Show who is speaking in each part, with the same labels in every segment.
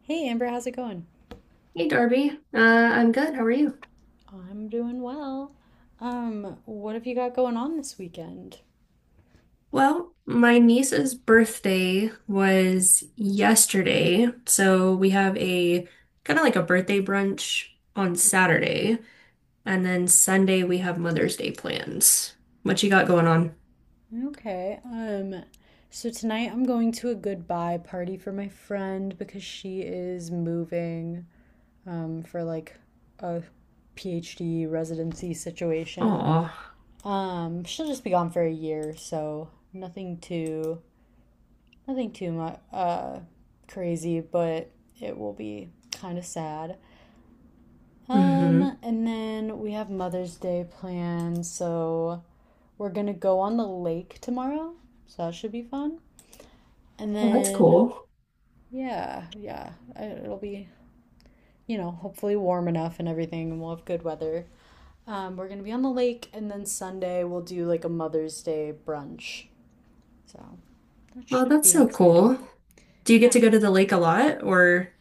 Speaker 1: Hey Amber, how's it going?
Speaker 2: Hey Darby, I'm good. How are you?
Speaker 1: I'm doing well. What have you got going on this weekend?
Speaker 2: Well, my niece's birthday was yesterday, so we have a kind of like a birthday brunch on Saturday, and then Sunday we have Mother's Day plans. What you got going on?
Speaker 1: Okay. So tonight I'm going to a goodbye party for my friend because she is moving for a PhD residency situation.
Speaker 2: Oh,
Speaker 1: She'll just be gone for a year, so nothing too much crazy, but it will be kind of sad.
Speaker 2: hmm.
Speaker 1: And then we have Mother's Day planned, so we're gonna go on the lake tomorrow, so that should be fun. And
Speaker 2: Well, that's
Speaker 1: then,
Speaker 2: cool.
Speaker 1: yeah, yeah, it'll be, you know, hopefully warm enough and everything, and we'll have good weather. We're gonna be on the lake, and then Sunday we'll do like a Mother's Day brunch, so that
Speaker 2: Well,
Speaker 1: should
Speaker 2: that's
Speaker 1: be
Speaker 2: so
Speaker 1: exciting.
Speaker 2: cool. Do you get to
Speaker 1: Ah,
Speaker 2: go to the lake a lot, or?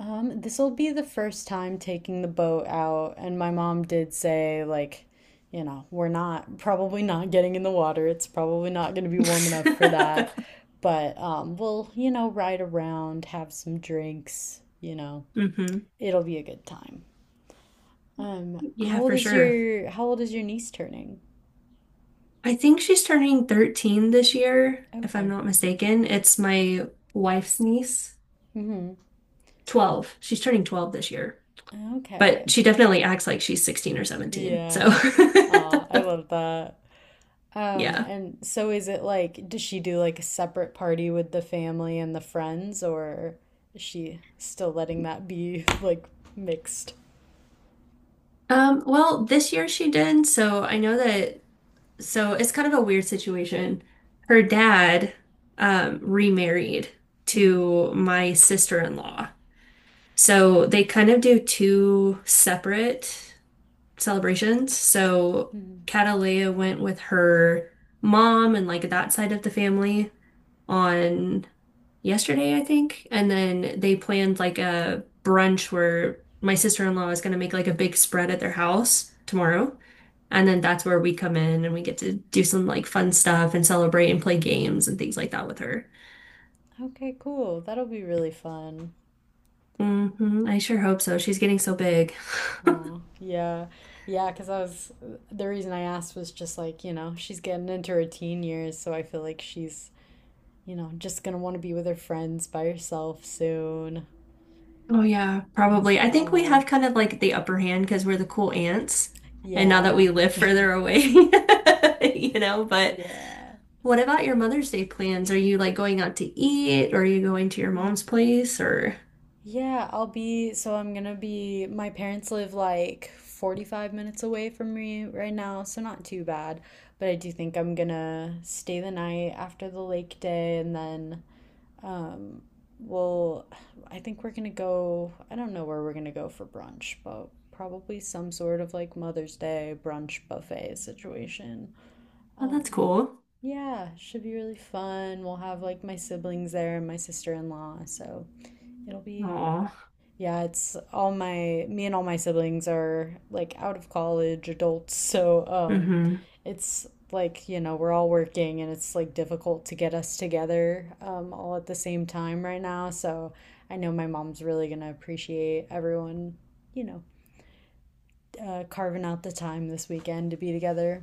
Speaker 1: This will be the first time taking the boat out, and my mom did say, like, you know, we're not probably not getting in the water. It's probably not going to be warm enough for that. But we'll, you know, ride around, have some drinks, you know.
Speaker 2: Hmm.
Speaker 1: It'll be a good time.
Speaker 2: Yeah, for sure.
Speaker 1: How old is your niece turning?
Speaker 2: I think she's turning 13 this year, if I'm
Speaker 1: Okay.
Speaker 2: not mistaken. It's my wife's niece.
Speaker 1: Mm-hmm.
Speaker 2: 12. She's turning 12 this year.
Speaker 1: Okay.
Speaker 2: But she definitely acts like she's 16 or 17. So,
Speaker 1: Yeah. Aw, I love that.
Speaker 2: yeah.
Speaker 1: And so is it like, does she do like a separate party with the family and the friends, or is she still letting that be like mixed?
Speaker 2: Well, this year she did. So I know that. So it's kind of a weird situation. Her dad remarried
Speaker 1: Mhm.
Speaker 2: to my sister-in-law.
Speaker 1: Okay.
Speaker 2: So they kind of do two separate celebrations. So
Speaker 1: Mhm.
Speaker 2: Catalina went with her mom and like that side of the family on yesterday, I think. And then they planned like a brunch where my sister-in-law is going to make like a big spread at their house tomorrow. And then that's where we come in and we get to do some like fun stuff and celebrate and play games and things
Speaker 1: Mhm.
Speaker 2: like that with her.
Speaker 1: Okay, cool. That'll be really fun.
Speaker 2: Hmm. I sure hope so. She's getting so big.
Speaker 1: Oh, yeah. Yeah, because I was, the reason I asked was just like, you know, she's getting into her teen years, so I feel like she's, you know, just gonna want to be with her friends by herself soon,
Speaker 2: Oh yeah,
Speaker 1: as
Speaker 2: probably.
Speaker 1: they
Speaker 2: I think we
Speaker 1: are.
Speaker 2: have kind of like the upper hand because we're the cool ants, and now that
Speaker 1: Yeah.
Speaker 2: we live further away, you know. But
Speaker 1: Yeah.
Speaker 2: what about your Mother's Day plans? Are you like going out to eat, or are you going to your
Speaker 1: Mhm.
Speaker 2: mom's place, or?
Speaker 1: So I'm gonna be, my parents live like 45 minutes away from me right now, so not too bad. But I do think I'm gonna stay the night after the lake day and then, um, we'll, I think we're gonna go, I don't know where we're gonna go for brunch, but probably some sort of like Mother's Day brunch buffet situation.
Speaker 2: Oh, that's
Speaker 1: Um,
Speaker 2: cool.
Speaker 1: yeah, should be really fun. We'll have like my siblings there and my sister-in-law, so it'll be
Speaker 2: Oh,
Speaker 1: Yeah, it's all my me and all my siblings are like out of college adults, so
Speaker 2: hmm.
Speaker 1: it's like, you know, we're all working and it's like difficult to get us together all at the same time right now. So I know my mom's really gonna appreciate everyone, you know, carving out the time this weekend to be together.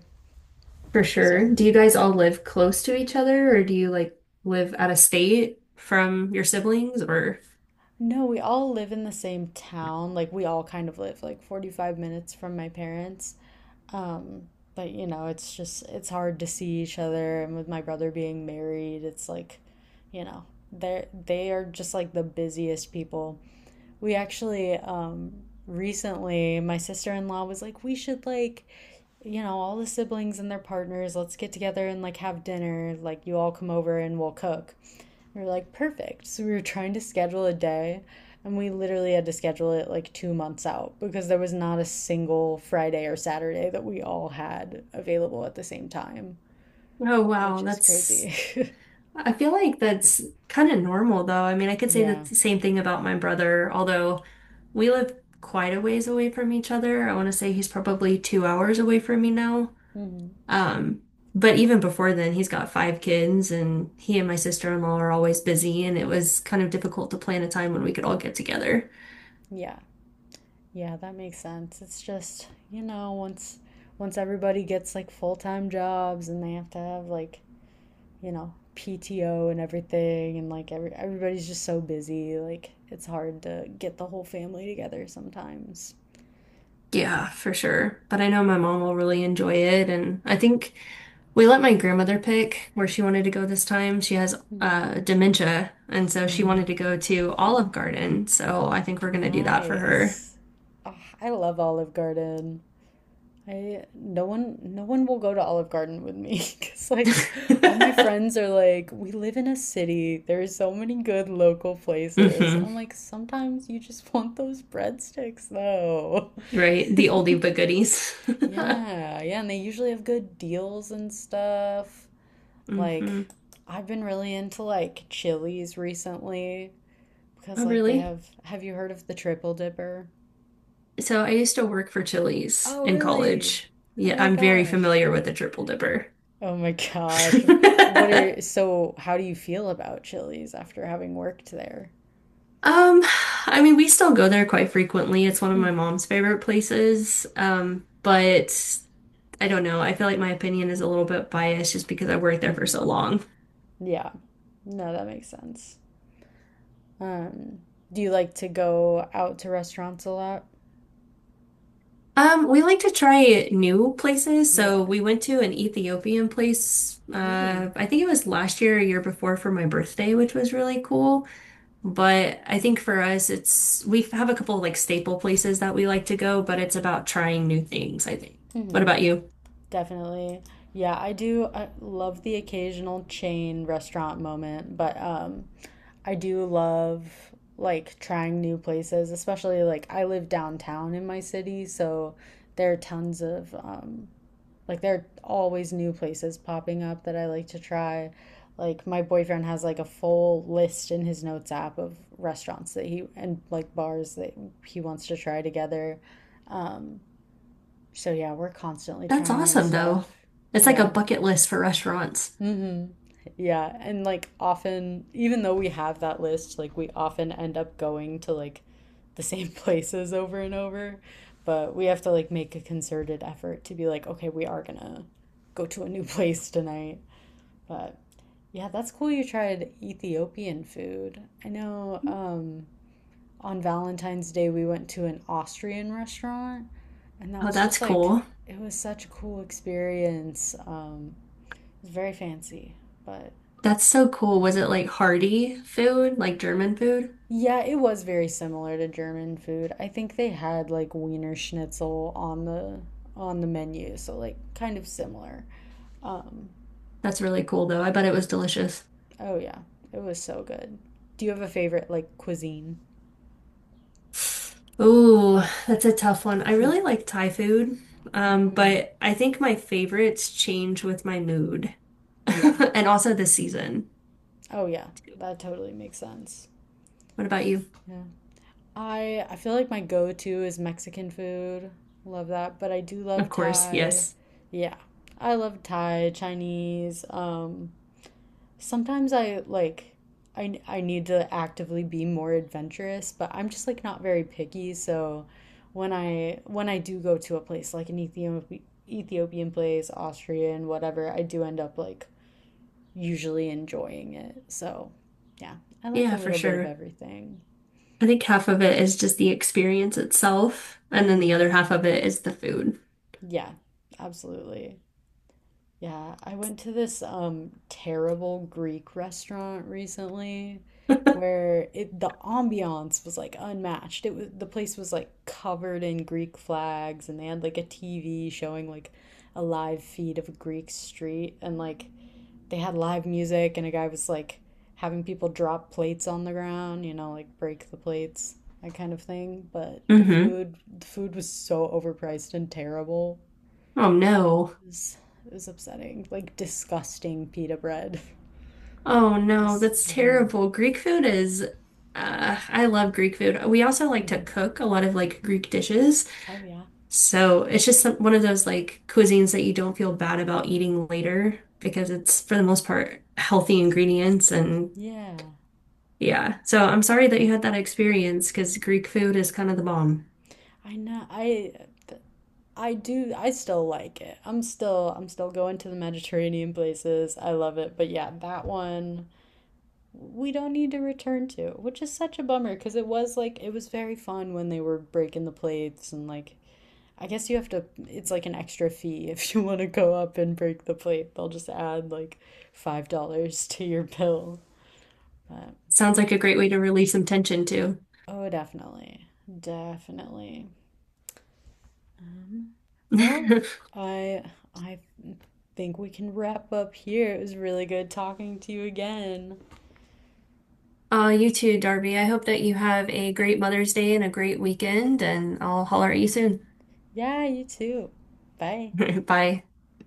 Speaker 2: For
Speaker 1: So
Speaker 2: sure. Do you guys all live close to each other, or do you like live out of state from your siblings, or?
Speaker 1: no, we all live in the same town. Like we all kind of live like 45 minutes from my parents. Um, but you know, it's just it's hard to see each other and with my brother being married, it's like, you know, they are just like the busiest people. We actually recently my sister-in-law was like, "We should like you know, all the siblings and their partners, let's get together and like have dinner. Like you all come over and we'll cook." We were like, perfect. So we were trying to schedule a day, and we literally had to schedule it like 2 months out because there was not a single Friday or Saturday that we all had available at the same time,
Speaker 2: Oh wow,
Speaker 1: which is
Speaker 2: that's
Speaker 1: crazy.
Speaker 2: I feel like that's kind of normal, though. I mean, I could say the
Speaker 1: Yeah.
Speaker 2: same thing about my brother, although we live quite a ways away from each other. I want to say he's probably 2 hours away from me now.
Speaker 1: Hmm.
Speaker 2: Um, but even before then, he's got five kids, and he and my sister-in-law are always busy, and it was kind of difficult to plan a time when we could all get together.
Speaker 1: Yeah. Yeah, that makes sense. It's just, you know, once everybody gets like full-time jobs and they have to have like, you know, PTO and everything and like everybody's just so busy, like it's hard to get the whole family together sometimes. But,
Speaker 2: Yeah, for sure. But I know my mom will really enjoy it. And I think we let my grandmother pick where she wanted to go this time. She has
Speaker 1: mm,
Speaker 2: dementia, and so she
Speaker 1: mm,
Speaker 2: wanted to go to Olive Garden. So I think we're going to do that for her.
Speaker 1: nice. Ah, I love Olive Garden. I no one will go to Olive Garden with me because like all my friends are like, we live in a city. There's so many good local places. And
Speaker 2: Hmm.
Speaker 1: I'm like, sometimes you just want those breadsticks though.
Speaker 2: Right? The oldie but goodies.
Speaker 1: Yeah, yeah, and they usually have good deals and stuff. Like
Speaker 2: Hmm.
Speaker 1: I've been really into like Chili's recently. Because,
Speaker 2: Oh,
Speaker 1: like, they
Speaker 2: really?
Speaker 1: have. Have you heard of the Triple Dipper?
Speaker 2: So I used to work for Chili's
Speaker 1: Oh,
Speaker 2: in
Speaker 1: really?
Speaker 2: college.
Speaker 1: Oh
Speaker 2: Yeah,
Speaker 1: my
Speaker 2: I'm very
Speaker 1: gosh.
Speaker 2: familiar with the triple dipper.
Speaker 1: Oh my gosh. What are. So, how do you feel about Chili's after having worked there?
Speaker 2: Um, I mean, we still go there quite frequently. It's one of my
Speaker 1: Hmm.
Speaker 2: mom's favorite places. But I don't know. I feel like my opinion is a little bit biased just because I worked there for
Speaker 1: Hmm.
Speaker 2: so long.
Speaker 1: Yeah. No, that makes sense. Um, do you like to go out to restaurants a lot?
Speaker 2: We like to try new places.
Speaker 1: Yeah.
Speaker 2: So we went to an Ethiopian place.
Speaker 1: Ooh.
Speaker 2: I think it was last year or year before for my birthday, which was really cool. But I think for us, it's we have a couple of like staple places that we like to go, but it's about trying new things, I think. What
Speaker 1: Hmm.
Speaker 2: about you?
Speaker 1: Definitely. I love the occasional chain restaurant moment, but I do love like trying new places, especially like I live downtown in my city, so there are tons of there are always new places popping up that I like to try. Like my boyfriend has like a full list in his notes app of restaurants that he and like bars that he wants to try together. Um so yeah, we're constantly
Speaker 2: That's
Speaker 1: trying new
Speaker 2: awesome, though.
Speaker 1: stuff.
Speaker 2: It's like a
Speaker 1: Yeah.
Speaker 2: bucket list for restaurants.
Speaker 1: Mm-hmm. Yeah, and like often, even though we have that list, like we often end up going to like the same places over and over, but we have to like make a concerted effort to be like, okay, we are gonna go to a new place tonight. But yeah, that's cool you tried Ethiopian food. I know on Valentine's Day, we went to an Austrian restaurant, and that
Speaker 2: Oh,
Speaker 1: was
Speaker 2: that's
Speaker 1: just like,
Speaker 2: cool.
Speaker 1: it was such a cool experience. It was very fancy, but
Speaker 2: That's so cool.
Speaker 1: uh,
Speaker 2: Was it like hearty food, like German food?
Speaker 1: yeah, it was very similar to German food. I think they had like Wiener Schnitzel on the menu, so like kind of similar. Um,
Speaker 2: That's really cool, though. I bet it was delicious.
Speaker 1: oh yeah, it was so good. Do you have a favorite like cuisine?
Speaker 2: Ooh, that's a tough one. I really like Thai food,
Speaker 1: Hmm.
Speaker 2: but I think my favorites change with my mood
Speaker 1: Yeah.
Speaker 2: and also the season.
Speaker 1: Oh yeah, that totally makes sense.
Speaker 2: What about you?
Speaker 1: Yeah. I feel like my go-to is Mexican food. Love that, but I do
Speaker 2: Of
Speaker 1: love
Speaker 2: course,
Speaker 1: Thai.
Speaker 2: yes.
Speaker 1: Yeah. I love Thai, Chinese. Sometimes I need to actively be more adventurous, but I'm just like not very picky, so when I do go to a place like an Ethiopian place, Austrian, whatever, I do end up like usually enjoying it. So, yeah, I like a
Speaker 2: Yeah, for
Speaker 1: little bit of
Speaker 2: sure.
Speaker 1: everything.
Speaker 2: I think half of it is just the experience itself, and then the
Speaker 1: Mhm.
Speaker 2: other half of it is the food.
Speaker 1: Yeah, absolutely. Yeah, I went to this terrible Greek restaurant recently where it the ambiance was like unmatched. It was The place was like covered in Greek flags and they had like a TV showing like a live feed of a Greek street and like they had live music and a guy was like having people drop plates on the ground, you know, like break the plates, that kind of thing. But
Speaker 2: Mm-hmm.
Speaker 1: the food was so overpriced and terrible.
Speaker 2: Oh no.
Speaker 1: It was, it was upsetting. Like disgusting pita bread.
Speaker 2: Oh
Speaker 1: It
Speaker 2: no,
Speaker 1: was-
Speaker 2: that's
Speaker 1: yeah.
Speaker 2: terrible. Greek food is, I love Greek food. We also like to
Speaker 1: Mhm.
Speaker 2: cook a lot of like Greek dishes.
Speaker 1: Oh yeah.
Speaker 2: So it's just some, one of those like cuisines that you don't feel bad about eating later because it's for the most part healthy ingredients. And
Speaker 1: Yeah.
Speaker 2: yeah, so I'm sorry that you had that experience because Greek food is kind of the bomb.
Speaker 1: I know. I still like it. I'm still going to the Mediterranean places. I love it. But yeah, that one we don't need to return to, which is such a bummer because it was very fun when they were breaking the plates and like I guess you have to it's like an extra fee if you want to go up and break the plate. They'll just add like $5 to your bill But
Speaker 2: Sounds like a great way to release some tension too.
Speaker 1: oh, definitely, definitely. Um, well, I I think we can wrap up here. It was really good talking to you again.
Speaker 2: You too, Darby. I hope that you have a great Mother's Day and a great weekend, and I'll holler at you soon.
Speaker 1: Yeah, you too. Bye.
Speaker 2: Bye.